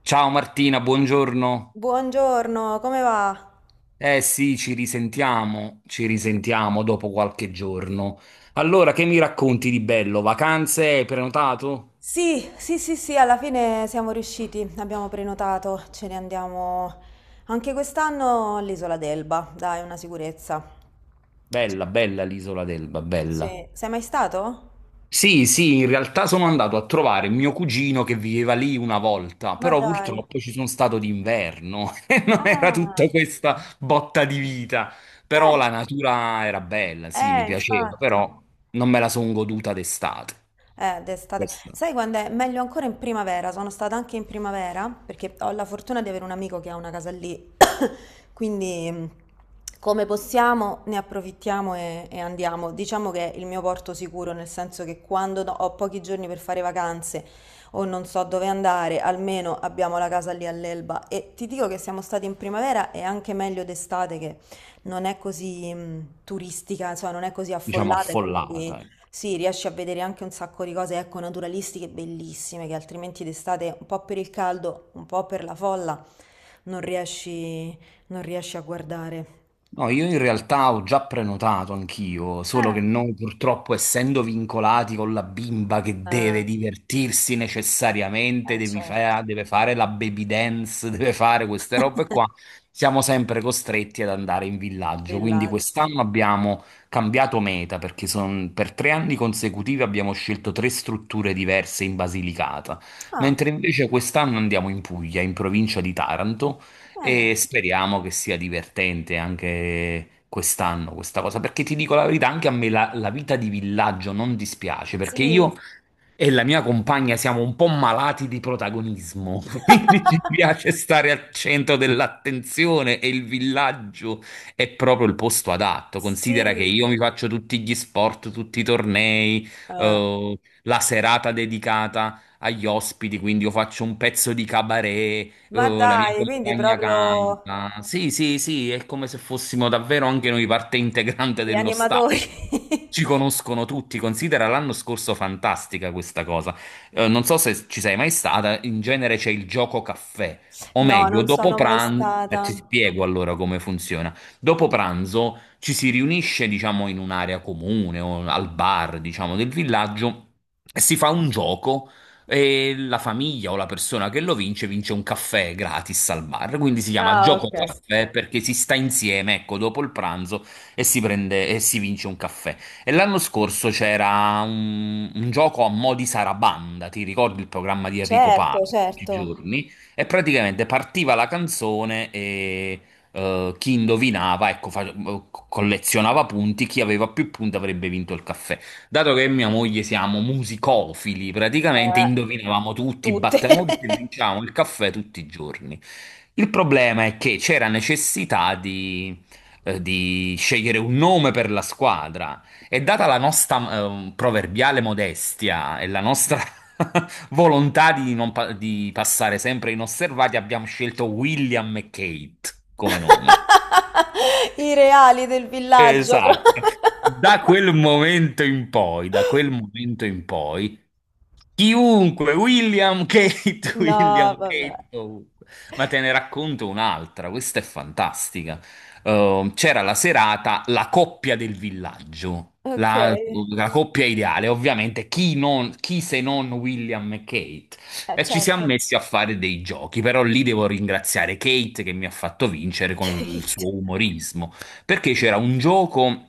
Ciao Martina, buongiorno. Buongiorno, come va? Eh sì, ci risentiamo dopo qualche giorno. Allora, che mi racconti di bello? Vacanze, hai prenotato? Sì, sì, sì, sì, alla fine siamo riusciti, abbiamo prenotato, ce ne andiamo anche quest'anno all'Isola d'Elba, dai, una sicurezza. Bella, bella l'isola d'Elba, bella. Sì, sei mai stato? Sì, sì, in realtà sono andato a trovare mio cugino che viveva lì una volta, Ma però dai. purtroppo ci sono stato d'inverno e non era tutta Ah, questa botta di vita. Però beh, la natura era bella, sì, mi piaceva, infatti. però non me la sono goduta d'estate. D'estate. Questo. Sai quando è? Meglio ancora in primavera. Sono stata anche in primavera perché ho la fortuna di avere un amico che ha una casa lì. Quindi, come possiamo, ne approfittiamo e andiamo. Diciamo che è il mio porto sicuro, nel senso che ho pochi giorni per fare vacanze o non so dove andare, almeno abbiamo la casa lì all'Elba. E ti dico che siamo stati in primavera e anche meglio d'estate che non è così, turistica, insomma, non è così Diciamo, affollata e quindi affollata, ecco. sì, riesci a vedere anche un sacco di cose, ecco, naturalistiche bellissime che altrimenti d'estate, un po' per il caldo, un po' per la folla, non riesci, non riesci a guardare. No, io in realtà ho già prenotato anch'io, solo Eh, che noi purtroppo essendo vincolati con la bimba che eh, deve divertirsi necessariamente, certo. Deve fare la baby dance, deve fare queste robe qua, siamo sempre costretti ad andare in villaggio. Quindi Villaggio. quest'anno abbiamo cambiato meta perché per tre anni consecutivi abbiamo scelto tre strutture diverse in Basilicata, Ah, mentre invece quest'anno andiamo in Puglia, in provincia di Taranto e bene. speriamo che sia divertente anche quest'anno questa cosa, perché ti dico la verità, anche a me la vita di villaggio non dispiace, perché Sì, io e la mia compagna siamo un po' malati di protagonismo, quindi ci piace stare al centro dell'attenzione e il villaggio è proprio il posto adatto. Considera che sì. io mi faccio tutti gli sport, tutti i tornei, Eh, la serata dedicata agli ospiti, quindi io faccio un pezzo di cabaret, ma la mia dai, quindi compagna proprio canta. Sì, sì, sì, è come se fossimo davvero anche noi parte integrante gli dello staff. animatori. Ci conoscono tutti, considera l'anno scorso fantastica questa cosa. Non so se ci sei mai stata, in genere c'è il gioco caffè, o No, meglio, non dopo sono mai pranzo, stata. ti spiego allora come funziona. Dopo pranzo ci si riunisce, diciamo, in un'area comune o al bar, diciamo, del villaggio e si fa un gioco e la famiglia o la persona che lo vince vince un caffè gratis al bar. Quindi si chiama Ah, gioco ok. caffè perché si sta insieme, ecco, dopo il pranzo e si prende e si vince un caffè. E l'anno scorso c'era un gioco a mo' di Sarabanda, ti ricordi il programma di Enrico Certo, Papi, tutti i certo. giorni? E praticamente partiva la canzone e chi indovinava, ecco, collezionava punti, chi aveva più punti avrebbe vinto il caffè. Dato che mia moglie siamo musicofili, praticamente Eh, indovinavamo tutti, tutte. battevamo tutti e vincevamo il caffè tutti i giorni. Il problema è che c'era necessità di scegliere un nome per la squadra. E data la nostra proverbiale modestia e la nostra volontà di, non pa- di passare sempre inosservati, abbiamo scelto William e Kate come nome. I reali del villaggio pro Esatto. Da quel momento in poi, da quel momento in poi, chiunque, William Kate, No, William vabbè. Kate, ovunque. Ma te ne racconto un'altra, questa è fantastica. C'era la serata La coppia del villaggio. La, Okay. la coppia ideale, ovviamente, chi se non William e Kate? E ci siamo Certo. messi a fare dei giochi, però lì devo ringraziare Kate che mi ha fatto vincere con il Kate. suo umorismo perché c'era un gioco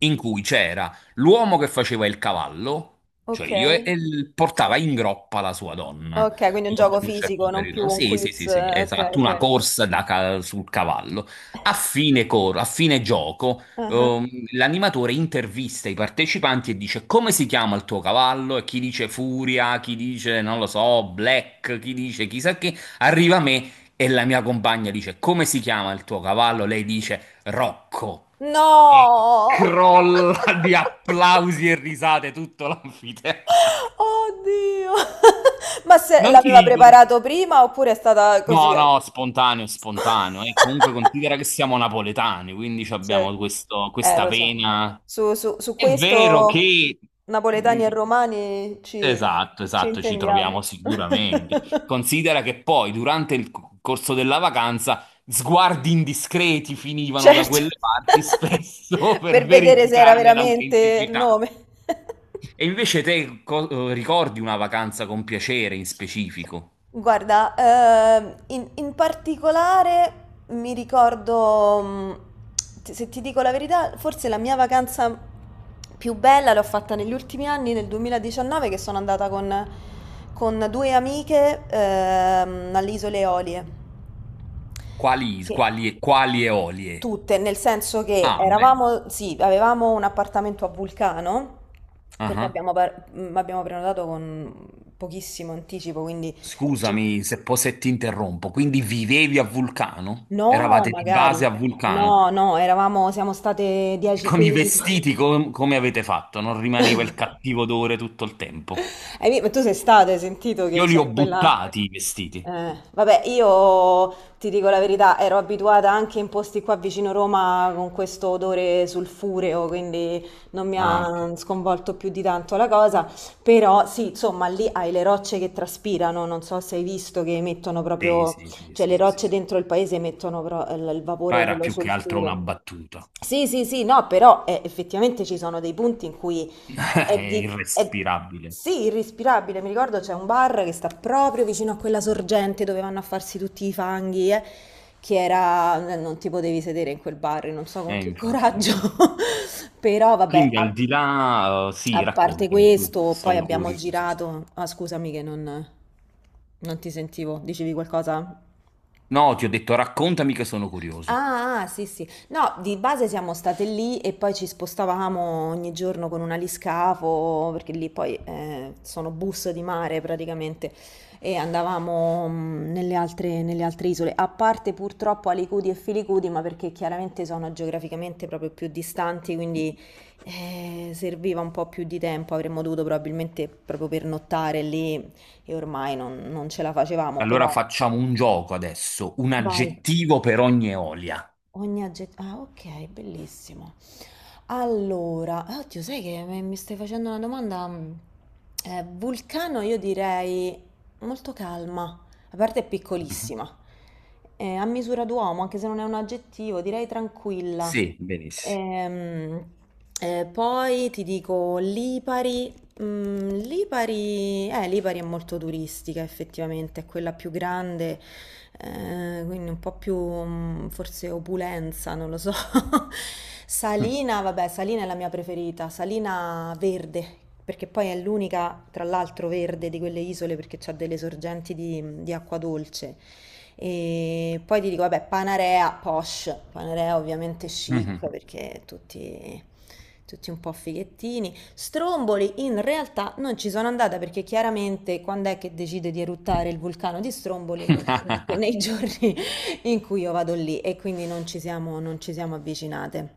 in cui c'era l'uomo che faceva il cavallo, cioè io, e, Okay. e l- portava in groppa la sua donna. Okay, quindi un Io per gioco un fisico, certo non più periodo. un Sì, sì, quiz sì, sì, okay, esatto, una okay. corsa sul cavallo. A fine gioco, Ah-ah. L'animatore intervista i partecipanti e dice come si chiama il tuo cavallo? E chi dice Furia, chi dice, non lo so, Black, chi dice chissà che, arriva a me. E la mia compagna dice: Come si chiama il tuo cavallo? Lei dice: Rocco. E No! crolla di applausi e risate tutto l'anfiteatro. Oddio! Ma se Non ti l'aveva dico... preparato prima oppure è stata così No, a no, spontaneo, spontaneo. E comunque considera che siamo napoletani, quindi ci Sì. abbiamo questa Lo so. vena. Su È vero questo che... Mm, napoletani e romani ci, esatto, ci esatto, ci troviamo intendiamo. sicuramente. Considera che poi durante il corso della vacanza sguardi indiscreti finivano da Certo, quelle parti spesso per per vedere se era verificarne veramente il l'autenticità. nome. E invece ricordi una vacanza con piacere in specifico? Guarda, in particolare mi ricordo, se ti dico la verità, forse la mia vacanza più bella l'ho fatta negli ultimi anni, nel 2019, che sono andata con due amiche alle Isole Eolie, Quali, che quali eolie? tutte, nel senso che Ah, bello. eravamo, sì, avevamo un appartamento a Vulcano, perché Ah, abbiamo, abbiamo prenotato con pochissimo anticipo, quindi... ci- scusami se, se ti interrompo. Quindi vivevi a Vulcano? No, Eravate di base magari. a Vulcano? No, no, eravamo, siamo state Con i 10-15 giorni. vestiti come avete fatto? Non rimaneva il cattivo odore tutto il tempo? Ma tu sei stato, hai sentito che Io li ho c'è quella... buttati i vestiti. Vabbè, io ti dico la verità, ero abituata anche in posti qua vicino Roma con questo odore sulfureo, quindi non mi Ah, ok. ha sconvolto più di tanto la cosa, però sì, insomma, lì hai le rocce che traspirano, non so se hai visto che mettono Sì, proprio, sì, sì, cioè le sì, sì. rocce dentro il paese il Ma vapore, era quello più che altro una sulfureo. battuta. Sì, sì, sì, no, però effettivamente ci sono dei punti in cui è È di... è- irrespirabile. Sì, irrispirabile, mi ricordo c'è un bar che sta proprio vicino a quella sorgente dove vanno a farsi tutti i fanghi, che era... non ti potevi sedere in quel bar, non so con che Infatti. coraggio, però vabbè, Quindi al di là, sì, a parte raccontami, su, questo, poi sono abbiamo curioso. girato... Ah, scusami che non, non ti sentivo, dicevi qualcosa? No, ti ho detto raccontami che sono curioso. Ah, ah, sì, sì. No, di base siamo state lì e poi ci spostavamo ogni giorno con un aliscafo, perché lì poi sono bus di mare praticamente, e andavamo nelle altre isole, a parte purtroppo Alicudi e Filicudi, ma perché chiaramente sono geograficamente proprio più distanti, quindi serviva un po' più di tempo, avremmo dovuto probabilmente proprio pernottare lì e ormai non ce la facevamo, Allora però... facciamo un gioco adesso, un Vai. aggettivo per ogni Eolia. Ogni aggettivo. Ah, ok, bellissimo. Allora, oddio, sai che mi stai facendo una domanda? Vulcano, io direi molto calma, la parte è Mhm. piccolissima. A misura d'uomo, anche se non è un aggettivo, direi tranquilla. Sì, benissimo. Ehm, poi ti dico lipari. Mm, Lipari, Lipari è molto turistica effettivamente, è quella più grande, quindi un po' più forse opulenza, non lo so. Salina, vabbè, Salina è la mia preferita, Salina verde, perché poi è l'unica, tra l'altro, verde di quelle isole perché c'ha delle sorgenti di acqua dolce. E poi ti dico, vabbè, Panarea, posh, Panarea ovviamente Mhm. chic perché tutti, tutti un po' fighettini. Stromboli in realtà non ci sono andata perché chiaramente quando è che decide di eruttare il vulcano di Stromboli? Nei giorni in cui io vado lì e quindi non ci siamo avvicinate.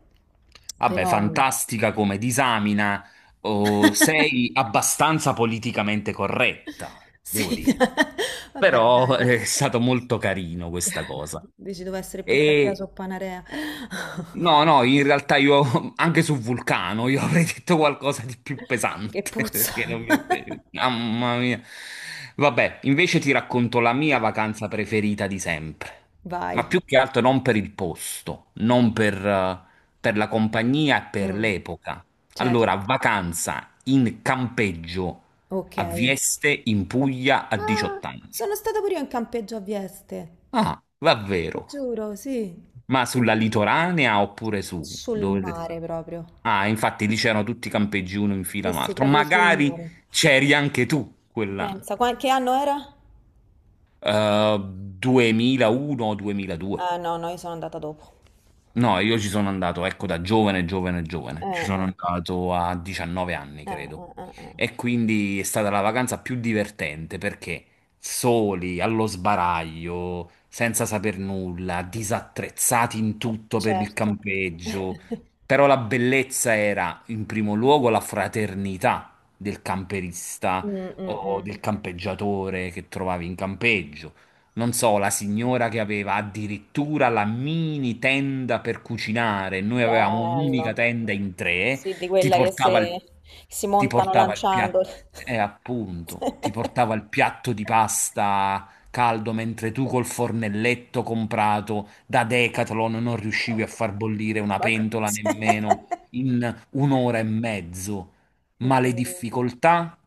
Vabbè, Però fantastica come disamina, oh, sei abbastanza politicamente corretta, devo sì, dai. dire. Vabbè, dai, Però va. È stato molto carino questa cosa. Dici devo essere più cattiva E su Panarea. No, no, in realtà io anche su Vulcano io avrei detto qualcosa di più Che pesante. perché non puzza. mi- mamma mia. Vabbè, invece ti racconto la mia vacanza preferita di sempre. Ma Vai. più che altro non per il posto, non per, per la compagnia e per Mm, l'epoca. Allora, certo. vacanza in campeggio Ok. a Vieste in Puglia a Ah, 18 anni. sono stata pure io in campeggio a Vieste. Ah, Ti davvero? giuro, sì. Ma sulla litoranea oppure su? Sul Dove si sta? mare proprio. Ah, infatti lì c'erano tutti i campeggi uno in fila Sì, a un sì, altro. proprio sul Magari mare. c'eri anche tu quell'anno. Pensa, che anno era? Eh, 2001-2002. Ah, no, no, io sono andata dopo. No, io ci sono andato, ecco, da giovane, giovane. Ci Eh, sono eh, andato a 19 anni, credo. Eh. E quindi è stata la vacanza più divertente perché soli, allo sbaraglio, senza saper nulla, disattrezzati in tutto per il Certo. campeggio. Però la bellezza era, in primo luogo, la fraternità del camperista Mm, mm, o mm. del campeggiatore che trovavi in campeggio, non so, la signora che aveva addirittura la mini tenda per cucinare, noi avevamo un'unica Bello. tenda in tre, Sì, di ti quella che portava il, se- si ti montano portava il lanciando. piatto, appunto, ti portava il piatto di pasta caldo, mentre tu col fornelletto comprato da Decathlon non riuscivi a far bollire una Ma pentola nemmeno in un'ora e mezzo. Ma le Incredibile. difficoltà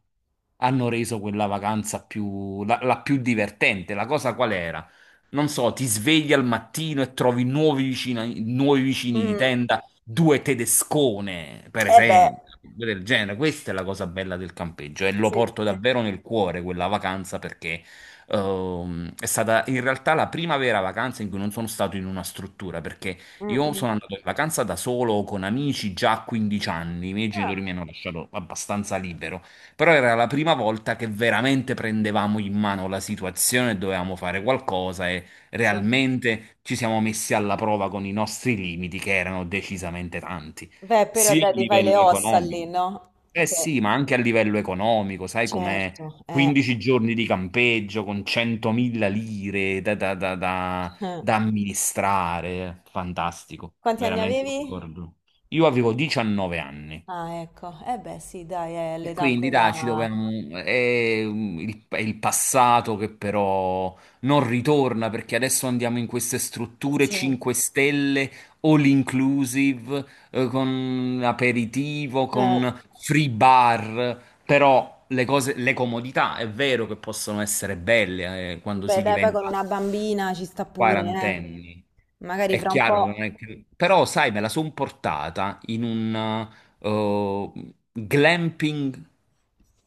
hanno reso quella vacanza più, la più divertente. La cosa qual era? Non so, ti svegli al mattino e trovi nuovi vicini di Mm, tenda, due tedescone, per Eh beh, esempio, cose del genere. Questa è la cosa bella del campeggio e lo sì, porto sì. davvero nel cuore quella vacanza perché è stata in realtà la prima vera vacanza in cui non sono stato in una struttura perché Mm, io mm. sono andato in vacanza da solo o con amici già a 15 anni, i miei Ah, genitori mi hanno lasciato abbastanza libero. Però era la prima volta che veramente prendevamo in mano la situazione, dovevamo fare qualcosa e sì. realmente ci siamo messi alla prova con i nostri limiti, che erano decisamente tanti, Beh, però sia a dai, ti fai le livello ossa lì, economico. no? Eh Cioè, sì, ma anche a livello economico, sai com'è? certo, eh. 15 giorni di campeggio con 100.000 lire Eh. da amministrare, fantastico, Quanti anni veramente un avevi? ricordo. Io avevo 19 anni. Ah, ecco. Eh beh, sì, dai, è E l'età quindi dai, ci quella... dobbiamo... è è il passato che però non ritorna perché adesso andiamo in queste strutture Sì. 5 stelle, all inclusive, con aperitivo, Eh. con free bar, però le comodità è vero che possono essere belle, quando Beh, si dai, poi con diventa una bambina ci sta pure, eh. quarantenni. Magari È fra un chiaro che po'... non è che- però, sai, me la son portata in un eh, glamping.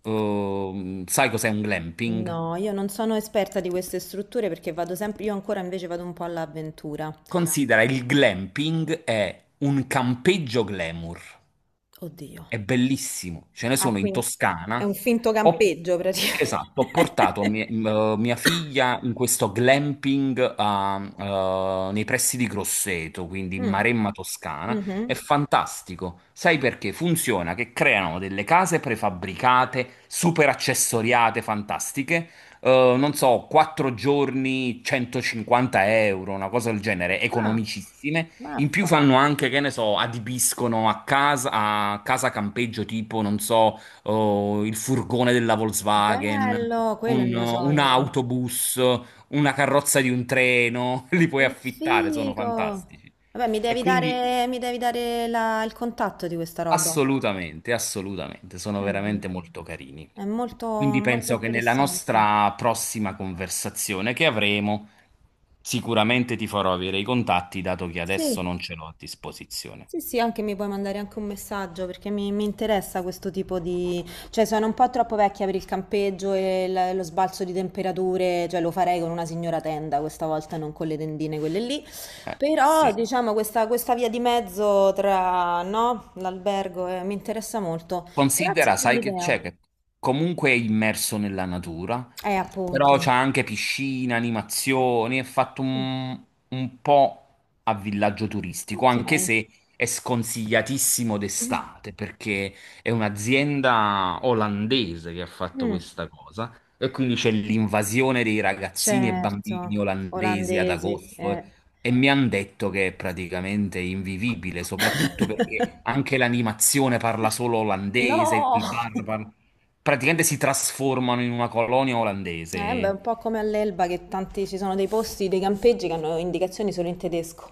Eh, sai cos'è un glamping? No, io non sono esperta di queste strutture perché vado sempre... Io ancora invece vado un po' all'avventura. Considera il glamping è un campeggio glamour. Oddio. È bellissimo, ce ne Ah, sono in quindi è Toscana. un finto Ho, campeggio praticamente. esatto, ho portato mia figlia in questo glamping nei pressi di Grosseto, quindi in Mm, Maremma Toscana. È mhm. fantastico. Sai perché? Funziona che creano delle case prefabbricate, super accessoriate, fantastiche, non so, 4 giorni, 150 euro, una cosa del genere, Ah, economicissime. In più mappa. fanno anche, che ne so, adibiscono a casa campeggio tipo, non so, oh, il furgone della Volkswagen, Bello, quello è il mio un sogno. autobus, una carrozza di un treno, li puoi Che affittare, sono figo. fantastici. Vabbè, E quindi mi devi dare il contatto di questa roba. assolutamente, assolutamente, sono Cioè, veramente molto carini. è molto, Quindi molto penso che nella interessante. nostra prossima conversazione che avremo, sicuramente ti farò avere i contatti, dato che Sì, adesso non ce l'ho a disposizione. sì, sì, anche mi puoi mandare anche un messaggio perché mi interessa questo tipo di... Cioè, sono un po' troppo vecchia per il campeggio e lo sbalzo di temperature, cioè lo farei con una signora tenda questa volta, non con le tendine quelle lì. Però, Sì. diciamo, questa via di mezzo tra, no, l'albergo mi interessa molto. Grazie Considera, sai che c'è, dell'idea. che comunque è immerso nella natura, però Appunto. c'è anche piscina, animazioni, è fatto Mm. Un po' a villaggio turistico, Ok. anche se è sconsigliatissimo Mm, d'estate, perché è un'azienda olandese che ha fatto mm, questa cosa, e quindi c'è l'invasione dei ragazzini e bambini certo, olandesi ad olandesi. agosto, Eh. eh. E mi hanno detto che è praticamente invivibile, soprattutto perché anche l'animazione parla solo olandese, No! il bar parla... Praticamente si trasformano in una colonia olandese, Beh, un po' come all'Elba che tanti ci sono dei posti, dei campeggi che hanno indicazioni solo in tedesco.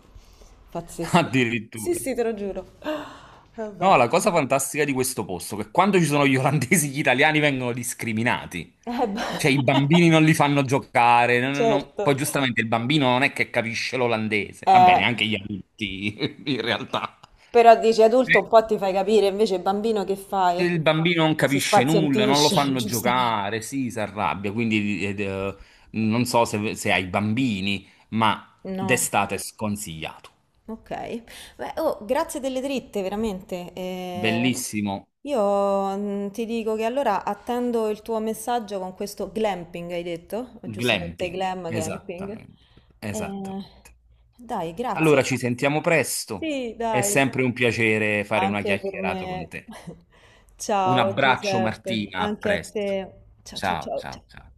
Pazzesco. Sì, addirittura. sì, te lo giuro. Vabbè. No, la cosa fantastica di questo posto è che quando ci sono gli olandesi, gli italiani vengono discriminati. Beh. Cioè, i bambini non li fanno giocare, Certo. poi, giustamente, il bambino non è che capisce l'olandese. Va Eh, bene, anche gli adulti, in realtà. però dici adulto un po' ti fai capire, invece bambino che fai? Il bambino non Si capisce nulla, non lo spazientisce, fanno giustamente. giocare, si arrabbia, quindi non so se, se hai bambini, ma No, d'estate è sconsigliato. ok. Beh, oh, grazie delle dritte, veramente. Bellissimo Io ti dico che allora attendo il tuo messaggio con questo glamping, hai detto? O giustamente glamping, glam camping. esattamente, Eh, esattamente. dai, Allora grazie. ci sentiamo presto, Sì, è dai. sempre un piacere fare una Anche per chiacchierata con me. te. Un Ciao abbraccio Giuseppe, Martina, a anche a presto. te. Ciao ciao Ciao, ciao ciao. ciao, ciao.